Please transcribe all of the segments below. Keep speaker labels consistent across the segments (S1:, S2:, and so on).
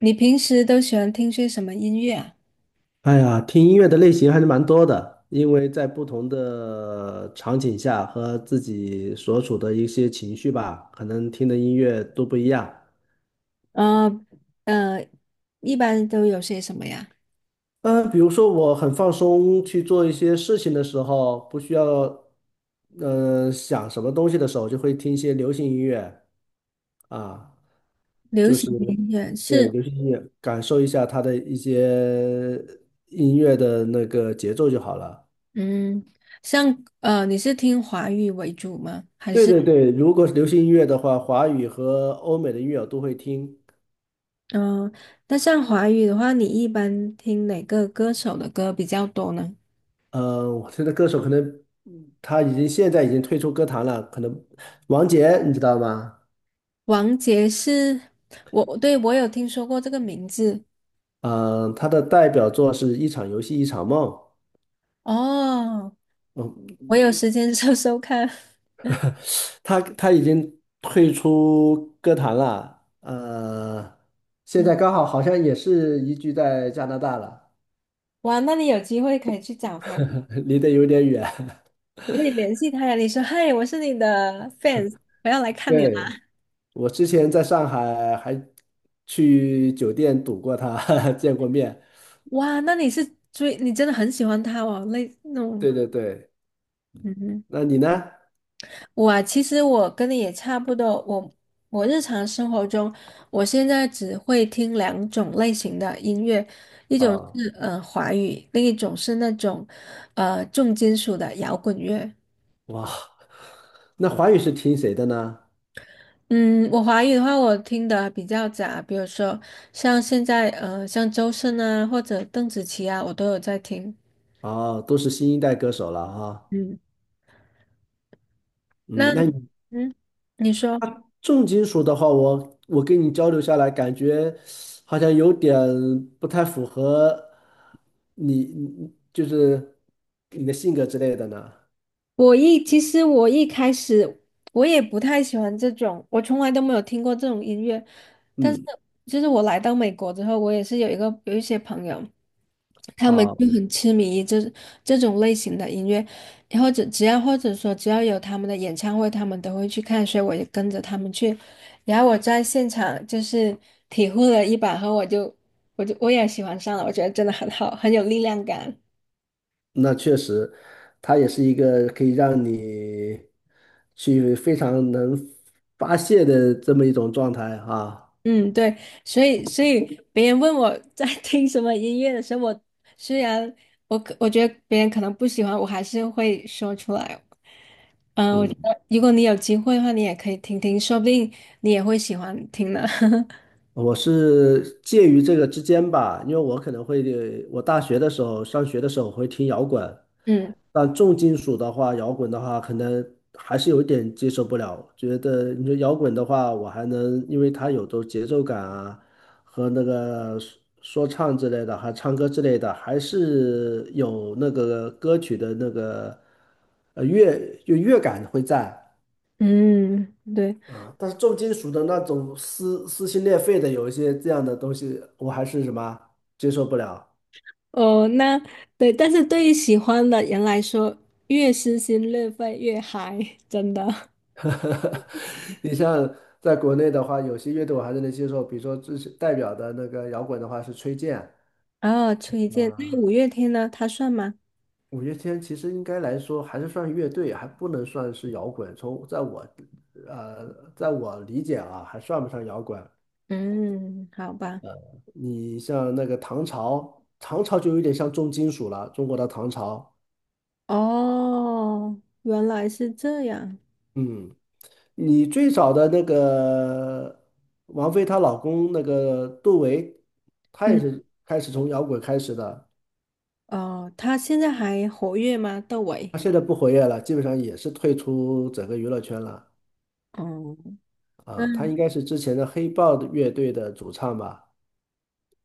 S1: 你平时都喜欢听些什么音乐啊？
S2: 哎呀，听音乐的类型还是蛮多的，因为在不同的场景下和自己所处的一些情绪吧，可能听的音乐都不一样。
S1: 呃呃，一般都有些什么呀？
S2: 嗯、比如说我很放松去做一些事情的时候，不需要想什么东西的时候，就会听一些流行音乐啊，
S1: 流
S2: 就
S1: 行
S2: 是
S1: 音乐
S2: 对
S1: 是？
S2: 流行音乐，感受一下它的一些音乐的那个节奏就好了。
S1: 嗯，像你是听华语为主吗？还
S2: 对
S1: 是？
S2: 对对，如果是流行音乐的话，华语和欧美的音乐我都会听。
S1: 嗯、呃那像华语的话，你一般听哪个歌手的歌比较多呢？
S2: 我现在歌手可能他已经退出歌坛了，可能王杰你知道吗？
S1: 王杰是？我对，我有听说过这个名字。
S2: 嗯、他的代表作是《一场游戏一场梦》。
S1: 哦，
S2: 嗯，
S1: 我有时间 搜搜看。
S2: 他已经退出歌坛了。现
S1: 嗯，
S2: 在刚好好像也是移居在加拿大了，
S1: 哇，那你有机会可以去找他。
S2: 离得有点远。
S1: 可以联系他呀，你说嗨，我是你的 fans，我要来看你了。
S2: 对，我之前在上海还去酒店堵过他，见过面。
S1: 哇，那你是追，你真的很喜欢他哦，那种，
S2: 对对对，
S1: 嗯哼。
S2: 那你呢？
S1: 我啊，其实我跟你也差不多，我日常生活中，我现在只会听两种类型的音乐，一种
S2: 啊，
S1: 是华语，另一种是那种重金属的摇滚乐。
S2: 哇，那华语是听谁的呢？
S1: 嗯，我华语的话，我听的比较杂，比如说像现在像周深啊，或者邓紫棋啊，我都有在听。
S2: 啊，都是新一代歌手了啊。
S1: 嗯，那
S2: 嗯，那你
S1: 嗯，你说，
S2: 他重金属的话，我跟你交流下来，感觉好像有点不太符合你，你就是你的性格之类的呢。
S1: 其实我一开始我也不太喜欢这种，我从来都没有听过这种音乐。但是
S2: 嗯，
S1: 就是我来到美国之后，我也是有一些朋友，他们
S2: 啊。
S1: 就很痴迷于这种类型的音乐，或者说只要有他们的演唱会，他们都会去看，所以我也跟着他们去。然后我在现场就是体会了一把后，我也喜欢上了，我觉得真的很好，很有力量感。
S2: 那确实，它也是一个可以让你去非常能发泄的这么一种状态啊。
S1: 嗯，对，所以别人问我在 听什么音乐的时候，我虽然我觉得别人可能不喜欢，我还是会说出来。嗯，我觉
S2: 嗯，
S1: 得如果你有机会的话，你也可以听听，说不定你也会喜欢听呢。
S2: 我是介于这个之间吧，因为我可能会，我大学的时候上学的时候我会听摇滚，
S1: 嗯
S2: 但重金属的话，摇滚的话，可能还是有一点接受不了。觉得你说摇滚的话，我还能，因为它有都节奏感啊，和那个说唱之类的，还唱歌之类的，还是有那个歌曲的那个乐就乐感会在。
S1: 嗯，对
S2: 啊，但是重金属的那种撕心裂肺的，有一些这样的东西，我还是什么接受不了。
S1: 哦，那对，但是对于喜欢的人来说，越撕心裂肺越嗨，真的。
S2: 你像在国内的话，有些乐队我还是能接受，比如说最代表的那个摇滚的话是崔健，
S1: 哦，崔健，那
S2: 啊、
S1: 五月天呢？他算吗？
S2: 五月天其实应该来说还是算乐队，还不能算是摇滚。从在我呃，在我理解啊，还算不上摇滚。
S1: 嗯，好吧。
S2: 你像那个唐朝，唐朝就有点像重金属了，中国的唐朝。
S1: 哦，原来是这样。
S2: 嗯，你最早的那个王菲她老公那个杜维，他也
S1: 嗯，
S2: 是开始从摇滚开始的。
S1: 哦，他现在还活跃吗？窦唯？
S2: 他现在不活跃了，基本上也是退出整个娱乐圈了
S1: 哦，那
S2: 啊。他应该是之前的黑豹的乐队的主唱吧？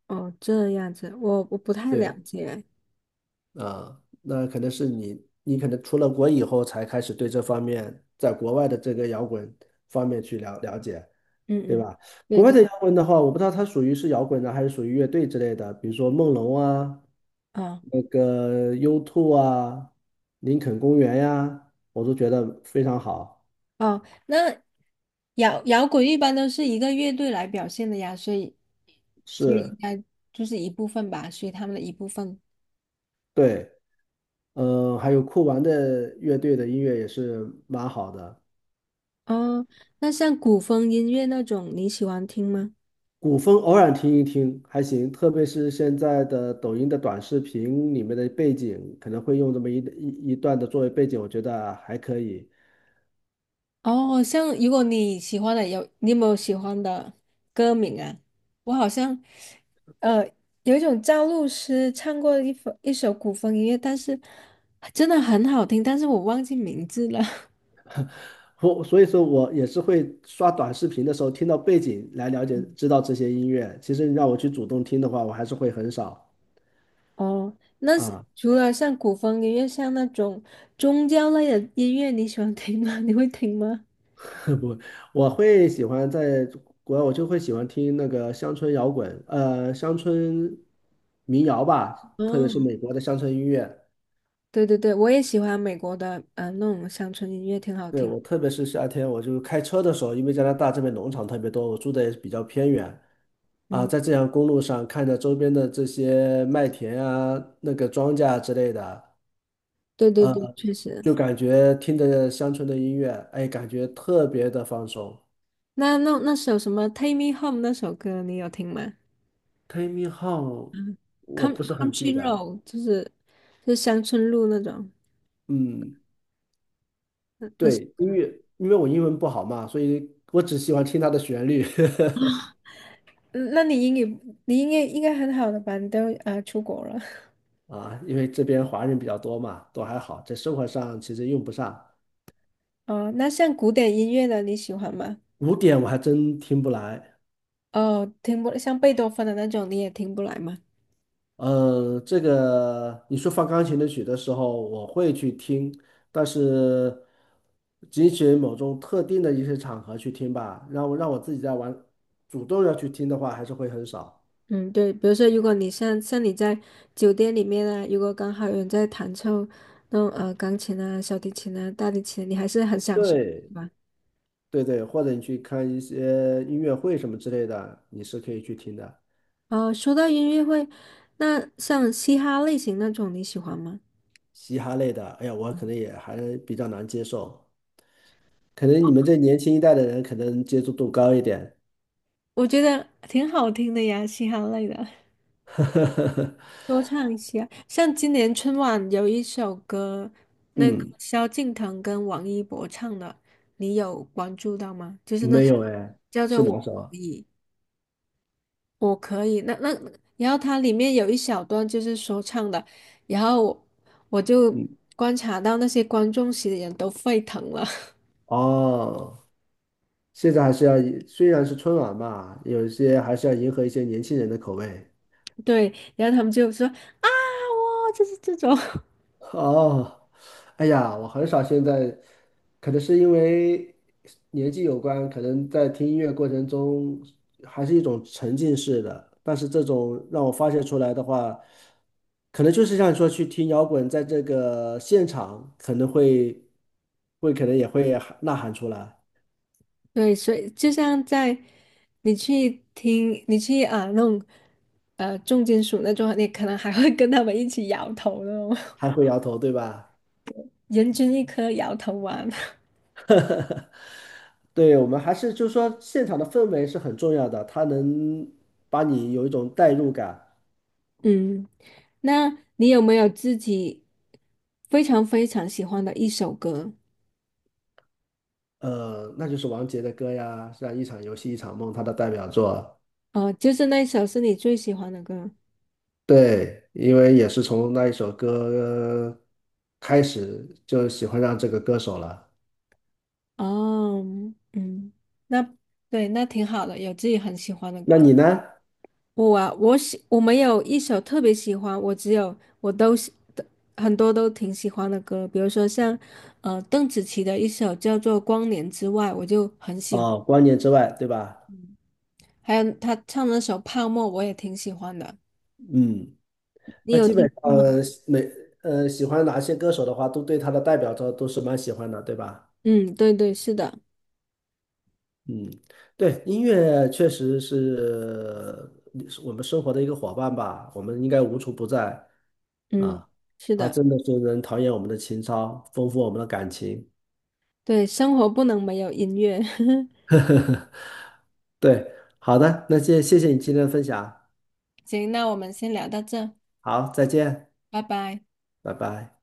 S1: 哦，这样子，我不太了
S2: 对
S1: 解。
S2: 啊，那可能是你，你可能出了国以后才开始对这方面，在国外的这个摇滚方面去了了解，对
S1: 嗯嗯，
S2: 吧？
S1: 对
S2: 国外
S1: 对，
S2: 的摇滚的话，我不知道它属于是摇滚呢，还是属于乐队之类的，比如说梦龙啊，
S1: 哦
S2: 那个 u Two 啊，林肯公园呀、我都觉得非常好。
S1: 哦，那摇滚一般都是一个乐队来表现的呀，所以应
S2: 是，
S1: 该就是一部分吧，属于他们的一部分。
S2: 对。还有酷玩的乐队的音乐也是蛮好的，
S1: 哦，那像古风音乐那种，你喜欢听吗？
S2: 古风偶尔听一听还行，特别是现在的抖音的短视频里面的背景，可能会用这么一段的作为背景，我觉得还可以。
S1: 哦，像如果你喜欢的有，你有没有喜欢的歌名啊？我好像，呃，有一种赵露思唱过的一首古风音乐，但是真的很好听，但是我忘记名字了。
S2: 我所以说我也是会刷短视频的时候听到背景来了解知道这些音乐，其实你让我去主动听的话，我还是会很少
S1: 哦，那是
S2: 啊。
S1: 除了像古风音乐，像那种宗教类的音乐，你喜欢听吗？你会听吗？
S2: 不，我会喜欢在国外，我就会喜欢听那个乡村摇滚，乡村民谣吧，特别是
S1: 哦，
S2: 美国的乡村音乐。
S1: 对对对，我也喜欢美国的，那种乡村音乐挺好
S2: 对，
S1: 听。
S2: 我特别是夏天，我就开车的时候，因为加拿大这边农场特别多，我住的也比较偏远啊，
S1: 嗯，
S2: 在这条公路上看着周边的这些麦田啊、那个庄稼啊之类的，
S1: 对对
S2: 呃，
S1: 对，确实。
S2: 就感觉听着乡村的音乐，哎，感觉特别的放松。
S1: 那那首什么《Take Me Home》那首歌，你有听吗？
S2: Take me home,
S1: 嗯
S2: 我
S1: 《Come
S2: 不是很记
S1: Country
S2: 得，
S1: Road》就是乡村路那种。
S2: 嗯。
S1: 那是
S2: 对，音乐，因为我英文不好嘛，所以我只喜欢听它的旋律
S1: 啊，嗯那你英语你应该很好的吧？你都啊、出国了。
S2: 啊，因为这边华人比较多嘛，都还好，在生活上其实用不上。
S1: 哦。那像古典音乐的你喜欢吗？
S2: 古典我还真听不来，
S1: 哦，听不像贝多芬的那种你也听不来吗？
S2: 这个你说放钢琴的曲的时候，我会去听，但是仅仅某种特定的一些场合去听吧，让我自己在玩，主动要去听的话，还是会很少。
S1: 嗯，对，比如说如果你像你在酒店里面啊，如果刚好有人在弹奏那种钢琴啊、小提琴啊、大提琴，你还是很享受，
S2: 对，
S1: 是吧？
S2: 对对，或者你去看一些音乐会什么之类的，你是可以去听的。
S1: 哦，说到音乐会，那像嘻哈类型那种你喜欢吗？
S2: 嘻哈类的，哎呀，我可能也还比较难接受。可能你们这年轻一代的人可能接触度高一点。
S1: 我觉得挺好听的呀，嘻哈类的。多唱一些。像今年春晚有一首歌，那个
S2: 嗯，
S1: 萧敬腾跟王一博唱的，你有关注到吗？就是那
S2: 没
S1: 首
S2: 有哎，
S1: 叫做
S2: 是
S1: 《我
S2: 哪
S1: 可
S2: 首啊？
S1: 以，我可以》。那，然后它里面有一小段就是说唱的，然后我就
S2: 嗯，
S1: 观察到那些观众席的人都沸腾了。
S2: 哦，现在还是要以，虽然是春晚嘛，有一些还是要迎合一些年轻人的口味。
S1: 对，然后他们就说啊，哇，就是这种，
S2: 哦，哎呀，我很少现在，可能是因为年纪有关，可能在听音乐过程中还是一种沉浸式的，但是这种让我发泄出来的话，可能就是像你说去听摇滚，在这个现场可能也会喊呐喊出来，
S1: 对，所以就像在你去听，你去啊那种重金属那种，你可能还会跟他们一起摇头那种。
S2: 还会摇头，对吧？
S1: 人均一颗摇头丸。
S2: 对，我们还是就是说现场的氛围是很重要的，它能把你有一种代入感。
S1: 嗯，那你有没有自己非常非常喜欢的一首歌？
S2: 那就是王杰的歌呀，像《一场游戏一场梦》，他的代表作。
S1: 哦，就是那首是你最喜欢的歌。
S2: 对，因为也是从那一首歌开始就喜欢上这个歌手了。
S1: 哦，嗯，那对，那挺好的，有自己很喜欢的
S2: 那
S1: 歌。
S2: 你呢？
S1: 我啊，我没有一首特别喜欢，我只有我都喜的很多都挺喜欢的歌，比如说像邓紫棋的一首叫做《光年之外》，我就很喜欢，
S2: 哦，光年之外，对吧？
S1: 还有她唱那首《泡沫》，我也挺喜欢的。
S2: 嗯，
S1: 你
S2: 那
S1: 有
S2: 基本
S1: 听
S2: 上
S1: 过吗？
S2: 呃每呃喜欢哪些歌手的话，都对他的代表作都是蛮喜欢的，对吧？
S1: 嗯，对对，是的，
S2: 嗯，对，音乐确实是我们生活的一个伙伴吧，我们应该无处不在。
S1: 嗯，
S2: 啊，
S1: 是
S2: 他
S1: 的，
S2: 真的是能陶冶我们的情操，丰富我们的感情。
S1: 对，生活不能没有音乐。
S2: 呵呵呵，对，好的，那谢谢你今天的分享，
S1: 行，那我们先聊到这，
S2: 好，再见，
S1: 拜拜。
S2: 拜拜。